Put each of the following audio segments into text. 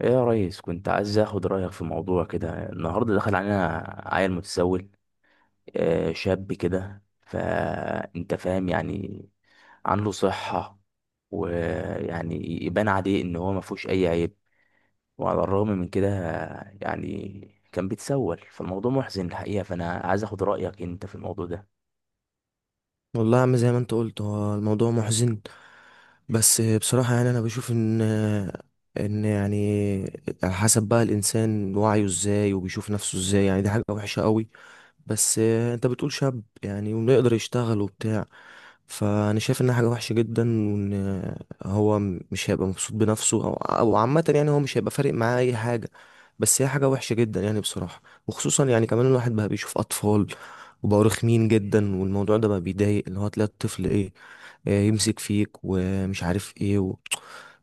ايه يا ريس، كنت عايز اخد رايك في موضوع كده. النهارده دخل علينا عيل متسول، شاب كده، فانت فاهم. يعني عنده صحه، ويعني يبان عليه ان هو ما فيهوش اي عيب، وعلى الرغم من كده يعني كان بيتسول. فالموضوع محزن الحقيقه، فانا عايز اخد رايك انت في الموضوع ده. والله يا عم، زي ما انت قلت هو الموضوع محزن. بس بصراحة يعني انا بشوف ان يعني على حسب بقى الانسان وعيه ازاي وبيشوف نفسه ازاي. يعني دي حاجة وحشة قوي. بس انت بتقول شاب يعني ويقدر يشتغل وبتاع، فانا شايف انها حاجه وحشه جدا، وان هو مش هيبقى مبسوط بنفسه، او عامه يعني هو مش هيبقى فارق معاه اي حاجه. بس هي حاجه وحشه جدا يعني بصراحه. وخصوصا يعني كمان الواحد بقى بيشوف اطفال وبقوا رخمين جدا، والموضوع ده بقى بيضايق، اللي هو تلاقي الطفل ايه، يمسك فيك ومش عارف ايه.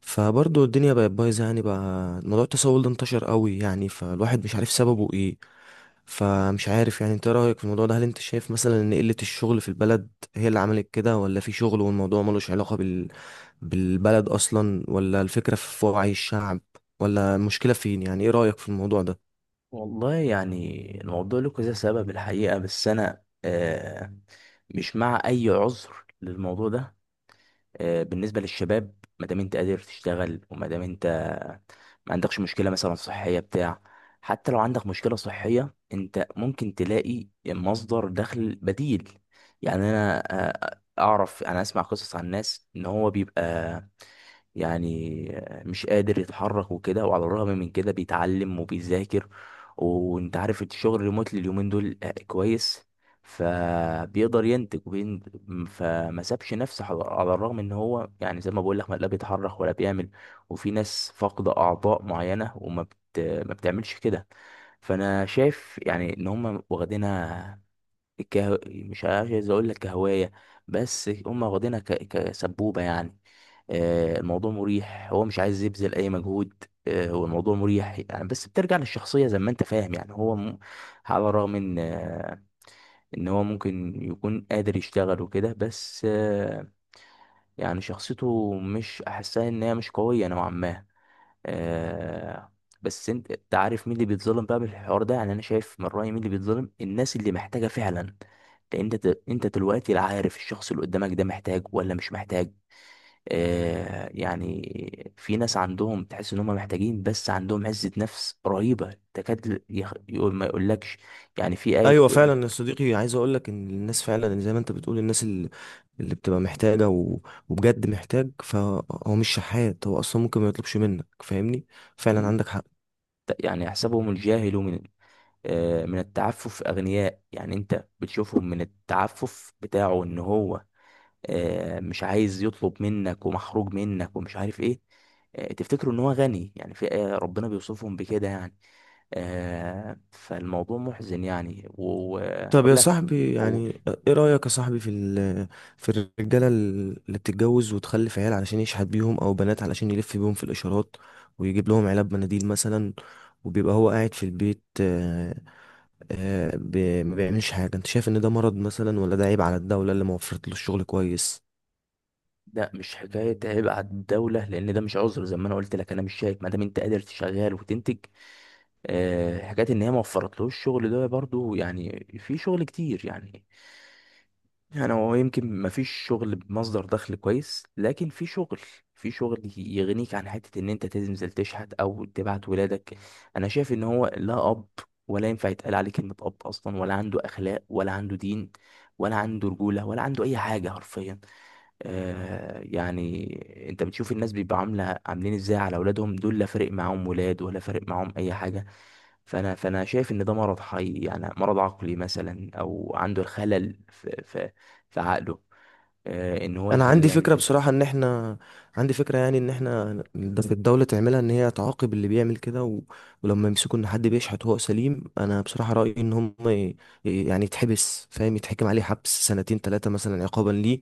فبرضه الدنيا بقت بايظه يعني، بقى موضوع التسول ده انتشر قوي يعني، فالواحد مش عارف سببه ايه. فمش عارف يعني انت إيه رأيك في الموضوع ده؟ هل انت شايف مثلا ان قلة الشغل في البلد هي اللي عملت كده، ولا في شغل والموضوع ملوش علاقة بالبلد اصلا، ولا الفكرة في وعي الشعب، ولا المشكلة فين؟ يعني ايه رأيك في الموضوع ده؟ والله يعني الموضوع له كذا سبب الحقيقه، بس انا مش مع اي عذر للموضوع ده. بالنسبة للشباب، ما دام انت قادر تشتغل وما دام انت ما عندكش مشكلة مثلا صحية بتاع. حتى لو عندك مشكلة صحية، انت ممكن تلاقي مصدر دخل بديل. يعني انا اعرف، انا اسمع قصص عن ناس ان هو بيبقى يعني مش قادر يتحرك وكده، وعلى الرغم من كده بيتعلم وبيذاكر. وانت عارف الشغل ريموتلي اليومين دول كويس، فبيقدر ينتج وبين. فما سابش نفسه، على الرغم ان هو يعني زي ما بقول لك لا بيتحرك ولا بيعمل. وفي ناس فاقدة اعضاء معينة ما بتعملش كده. فانا شايف يعني ان هم واخدينها مش عايز اقول لك كهوايه، بس هم واخدينها كسبوبه يعني. الموضوع مريح، هو مش عايز يبذل اي مجهود. هو الموضوع مريح يعني، بس بترجع للشخصيه زي ما انت فاهم. يعني على الرغم ان هو ممكن يكون قادر يشتغل وكده، بس يعني شخصيته مش احسها، ان هي مش قويه نوعا ما. آه. بس انت عارف مين اللي بيتظلم بقى بالحوار ده؟ يعني انا شايف من رأيي مين اللي بيتظلم، الناس اللي محتاجة فعلا. لان انت دلوقتي لا عارف الشخص اللي قدامك ده محتاج ولا مش محتاج. آه، يعني في ناس عندهم، تحس ان هم محتاجين، بس عندهم عزة نفس رهيبة، تكاد يقول ما يقولكش. يعني في آية ايوه بتقول. فعلا يا صديقي، عايز اقول لك ان الناس فعلا زي ما انت بتقول، الناس اللي بتبقى محتاجة وبجد محتاج، فهو مش شحات، هو اصلا ممكن ما يطلبش منك، فاهمني؟ فعلا مم. عندك حق. يعني يحسبهم الجاهل من من التعفف أغنياء. يعني أنت بتشوفهم من التعفف بتاعه، إن هو مش عايز يطلب منك، ومحروج منك ومش عارف ايه. تفتكروا ان هو غني. يعني في ربنا بيوصفهم بكده يعني. فالموضوع محزن يعني، طب يا وهقول لك صاحبي أقول. يعني ايه رأيك يا صاحبي في في الرجالة اللي بتتجوز وتخلف عيال علشان يشحت بيهم، او بنات علشان يلف بيهم في الاشارات ويجيب لهم علب مناديل مثلا، وبيبقى هو قاعد في البيت، ما بيعملش حاجة؟ انت شايف ان ده مرض مثلا، ولا ده عيب على الدولة اللي ما وفرت له الشغل كويس؟ لا، مش حكاية عيب على الدولة، لأن ده مش عذر. زي ما أنا قلت لك، أنا مش شايف ما دام أنت قادر تشغال وتنتج. حكاية إن هي ما وفرتلوش الشغل، ده برضو يعني في شغل كتير يعني. يعني هو يمكن ما فيش شغل بمصدر دخل كويس، لكن في شغل يغنيك عن حتة ان انت تنزل تشحت او تبعت ولادك. انا شايف ان هو لا اب، ولا ينفع يتقال عليه كلمة اب اصلا، ولا عنده اخلاق، ولا عنده دين، ولا عنده رجولة، ولا عنده اي حاجة حرفيا. آه يعني انت بتشوف الناس بيبقى عاملين ازاي على اولادهم دول، لا فارق معاهم ولاد ولا فارق معاهم اي حاجه. فانا شايف ان ده مرض حي، يعني مرض عقلي مثلا، او عنده الخلل في عقله، آه، ان هو انا يخليه عندي يعمل فكره كده. بصراحه ان احنا، عندي فكره يعني ان احنا ده في الدوله تعملها، ان هي تعاقب اللي بيعمل كده ولما يمسكوا ان حد بيشحت وهو سليم، انا بصراحه رايي ان هم يعني يتحبس، فاهم؟ يتحكم عليه حبس سنتين ثلاثه مثلا عقابا ليه،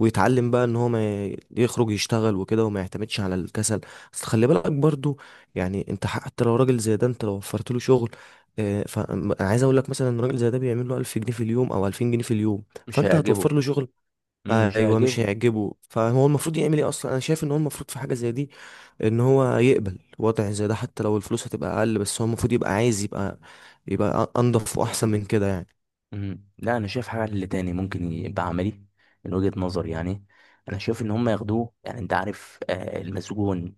ويتعلم بقى ان هو ما يخرج يشتغل وكده، وما يعتمدش على الكسل. بس خلي بالك برضو، يعني انت حتى لو راجل زي ده، انت لو وفرت له شغل، فانا عايز اقول لك مثلا ان راجل زي ده بيعمل له 1000 جنيه في اليوم او 2000 جنيه في اليوم، مش فانت هتوفر هيعجبه. له شغل؟ مم، مش ايوه مش هيعجبه. هيعجبه، فهو المفروض يعمل ايه اصلا؟ انا شايف ان هو المفروض في حاجه زي دي، ان هو يقبل وضع زي ده، حتى لو الفلوس هتبقى اقل، بس هو المفروض يبقى عايز يبقى انضف واحسن من كده يعني. مم. لا، انا شايف حاجه اللي تاني ممكن يبقى عملي من وجهه نظري يعني. انا شايف ان هم ياخدوه، يعني انت عارف آه المسجون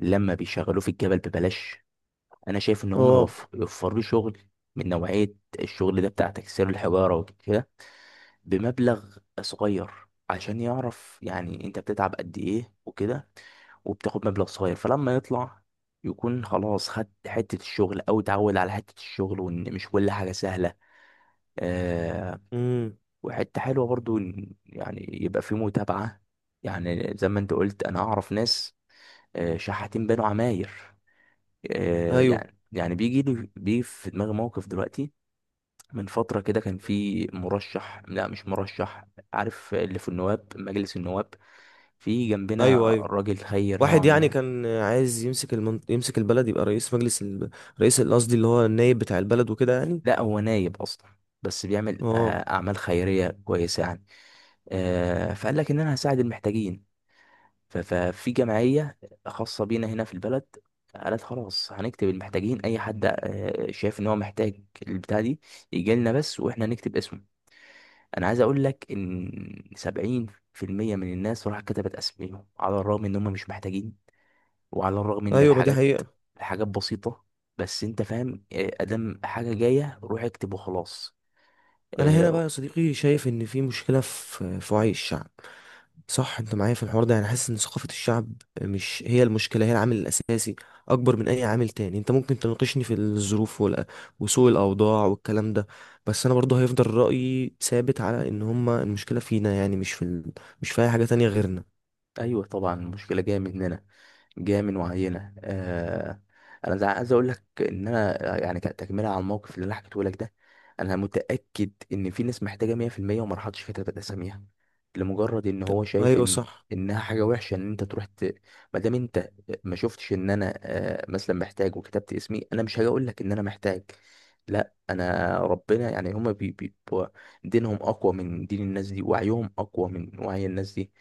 لما بيشغلوه في الجبل ببلاش. انا شايف ان هم اه. يوفروا لي شغل من نوعيه الشغل ده، بتاع تكسير الحجاره وكده، بمبلغ صغير، عشان يعرف يعني انت بتتعب قد ايه وكده، وبتاخد مبلغ صغير. فلما يطلع، يكون خلاص خد حته الشغل، او اتعود على حته الشغل، وان مش كل حاجه سهله. آه، امم. وحته حلوه برضو إن يعني يبقى في متابعه. يعني زي ما انت قلت، انا اعرف ناس شحاتين بنوا عماير. آه، ايوه، يعني يعني بيجي في دماغي موقف دلوقتي. من فترة كده كان في مرشح لا مش مرشح، عارف اللي في مجلس النواب، في جنبنا ايوه. ايوه، راجل خير واحد نوعا يعني ما. كان عايز يمسك يمسك البلد، يبقى رئيس رئيس، قصدي اللي هو النائب بتاع البلد وكده يعني. لا هو نايب أصلا، بس بيعمل اه. أعمال خيرية كويسة يعني. فقال لك إن أنا هساعد المحتاجين. ففي جمعية خاصة بينا هنا في البلد، قالت خلاص هنكتب المحتاجين. أي حد شايف إن هو محتاج البتاع دي، يجي لنا بس وإحنا هنكتب اسمه. انا عايز اقول لك ان 70% من الناس راح كتبت اسميهم، على الرغم ان هم مش محتاجين، وعلى الرغم ان ايوه، ما دي الحاجات حقيقة. الحاجات بسيطة، بس انت فاهم. ادام حاجة جاية روح اكتب وخلاص. انا هنا آه. بقى يا صديقي شايف ان في مشكلة في وعي الشعب. صح؟ انت معايا في الحوار ده يعني؟ حاسس ان ثقافة الشعب مش هي المشكلة، هي العامل الاساسي اكبر من اي عامل تاني. انت ممكن تناقشني في الظروف وسوء الاوضاع والكلام ده، بس انا برضه هيفضل رأيي ثابت على ان هما المشكلة فينا، يعني مش في اي حاجة تانية غيرنا. ايوه، طبعا المشكله جايه مننا، جايه من وعينا. آه، انا عايز اقول لك ان انا يعني تكمله على الموقف اللي انا حكيته لك ده، انا متاكد ان في ناس محتاجه 100% وما راحتش كتبت اساميها، لمجرد ان هو شايف ايوه ان صح. انها حاجه وحشه ان انت ما دام انت ما شفتش ان انا آه مثلا محتاج وكتبت اسمي، انا مش هاجي اقول لك ان انا محتاج. لا، انا ربنا يعني هما بيبقوا دينهم اقوى من دين الناس دي، وعيهم اقوى من وعي الناس دي.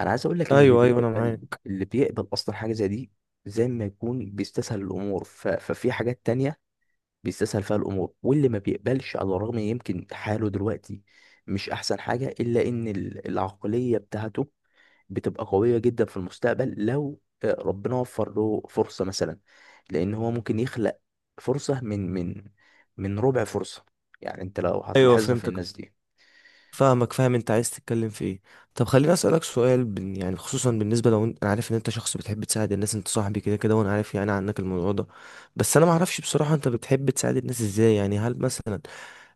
انا عايز اقول لك ان ايوه، ايوه، انا معاك. اللي بيقبل اصلا حاجه زي دي، زي ما يكون بيستسهل الامور. ففي حاجات تانية بيستسهل فيها الامور. واللي ما بيقبلش، على الرغم يمكن حاله دلوقتي مش احسن حاجه، الا ان العقليه بتاعته بتبقى قويه جدا في المستقبل، لو ربنا وفر له فرصه مثلا، لان هو ممكن يخلق فرصه من ربع فرصه. يعني انت لو ايوه هتلاحظها في فهمتك. الناس دي. فاهمك، فاهم انت عايز تتكلم في ايه. طب خليني اسالك سؤال، بن يعني، خصوصا بالنسبه، لو انت، انا عارف ان انت شخص بتحب تساعد الناس، انت صاحبي كده كده وانا عارف يعني عنك الموضوع ده، بس انا ما اعرفش بصراحه انت بتحب تساعد الناس ازاي يعني؟ هل مثلا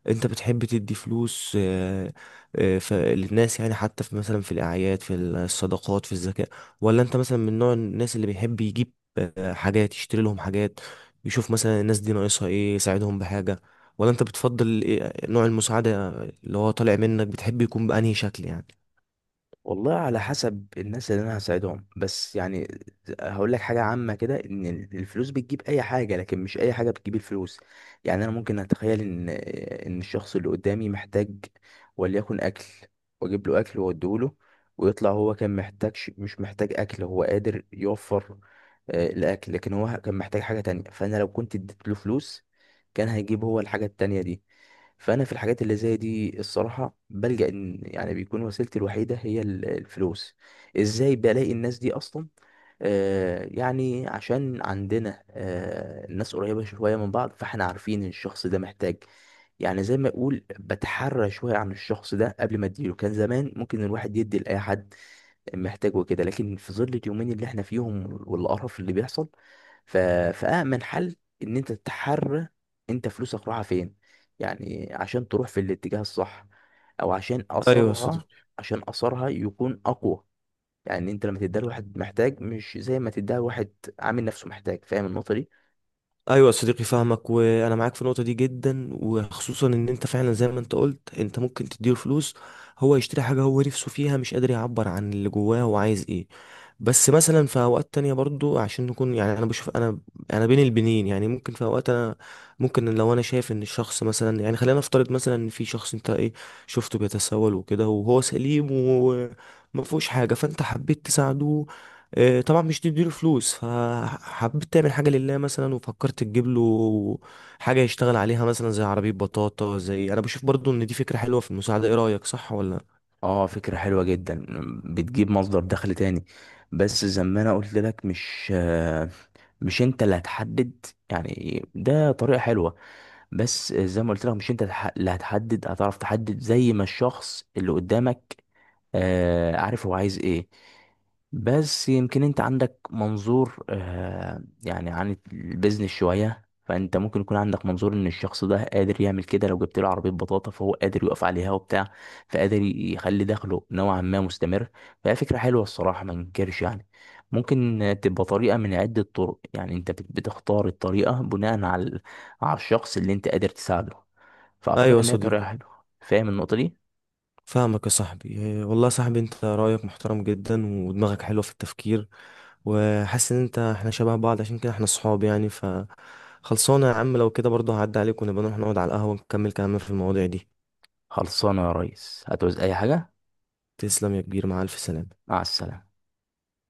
انت بتحب تدي فلوس للناس، يعني حتى في مثلا في الاعياد، في الصدقات، في الزكاة؟ ولا انت مثلا من نوع الناس اللي بيحب يجيب حاجات، يشتري لهم حاجات، يشوف مثلا الناس دي ناقصها ايه يساعدهم بحاجة؟ ولا انت بتفضل نوع المساعدة اللي هو طالع منك بتحب يكون بأنهي شكل يعني؟ والله على حسب الناس اللي انا هساعدهم، بس يعني هقول لك حاجه عامه كده، ان الفلوس بتجيب اي حاجه، لكن مش اي حاجه بتجيب الفلوس. يعني انا ممكن اتخيل ان الشخص اللي قدامي محتاج، وليكن اكل، واجيب له اكل واوديه له، ويطلع هو كان محتاجش مش محتاج اكل، هو قادر يوفر الاكل، لكن هو كان محتاج حاجه تانية. فانا لو كنت اديت له فلوس، كان هيجيب هو الحاجه التانية دي. فانا في الحاجات اللي زي دي الصراحه بلجأ ان يعني بيكون وسيلتي الوحيده هي الفلوس. ازاي بلاقي الناس دي اصلا؟ آه، يعني عشان عندنا آه الناس قريبه شويه من بعض، فاحنا عارفين إن الشخص ده محتاج. يعني زي ما اقول بتحرى شويه عن الشخص ده قبل ما اديله. كان زمان ممكن الواحد يدي لاي حد محتاجه كده، لكن في ظل اليومين اللي احنا فيهم والقرف اللي بيحصل، ف... فأأمن حل إن أنت تحرر أنت فلوسك رايحة فين، يعني عشان تروح في الاتجاه الصح، أو عشان ايوه، أثرها، يكون أقوى. يعني أنت لما تديها لواحد محتاج، مش زي ما تديها لواحد عامل نفسه محتاج. فاهم النقطة دي؟ ايوه يا صديقي، فاهمك وانا معاك في النقطه دي جدا. وخصوصا ان انت فعلا زي ما انت قلت، انت ممكن تديله فلوس هو يشتري حاجه هو نفسه فيها، مش قادر يعبر عن اللي جواه هو عايز ايه. بس مثلا في اوقات تانية برضو، عشان نكون يعني، انا بشوف انا بين البنين يعني، ممكن في اوقات انا، ممكن لو انا شايف ان الشخص مثلا، يعني خلينا نفترض مثلا ان في شخص انت ايه، شفته بيتسول وكده وهو سليم وما فيهوش حاجه، فانت حبيت تساعده، طبعا مش تديله فلوس، فحبيت تعمل حاجة لله مثلا، وفكرت تجيب له حاجة يشتغل عليها، مثلا زي عربية بطاطا. زي، أنا بشوف برضو إن دي فكرة حلوة في المساعدة. إيه رأيك، صح ولا لأ؟ اه، فكرة حلوة جدا، بتجيب مصدر دخل تاني. بس زي ما انا قلت لك، مش انت اللي هتحدد. يعني ده طريقة حلوة، بس زي ما قلت لك مش انت اللي هتحدد، هتعرف تحدد زي ما الشخص اللي قدامك عارف هو عايز ايه. بس يمكن انت عندك منظور يعني عن البيزنس شوية، فانت ممكن يكون عندك منظور ان الشخص ده قادر يعمل كده. لو جبت له عربية بطاطا، فهو قادر يقف عليها وبتاع، فقادر يخلي دخله نوعا ما مستمر. فهي فكرة حلوة الصراحة، ما ننكرش يعني. ممكن تبقى طريقة من عدة طرق. يعني انت بتختار الطريقة بناء على على الشخص اللي انت قادر تساعده. فاعتقد أيوة يا ان هي طريقة صديقي، حلوة. فاهم النقطة دي؟ فاهمك يا صاحبي. والله يا صاحبي أنت رأيك محترم جدا، ودماغك حلوة في التفكير. وحاسس إن إحنا شبه بعض، عشان كده إحنا صحاب يعني. خلصانة يا عم، لو كده برضو هعدي عليك، ونبقى نروح نقعد على القهوة ونكمل كلامنا في المواضيع دي. خلصانه يا ريس، هتعوز اي حاجه. تسلم يا كبير، مع ألف سلامة. مع السلامه.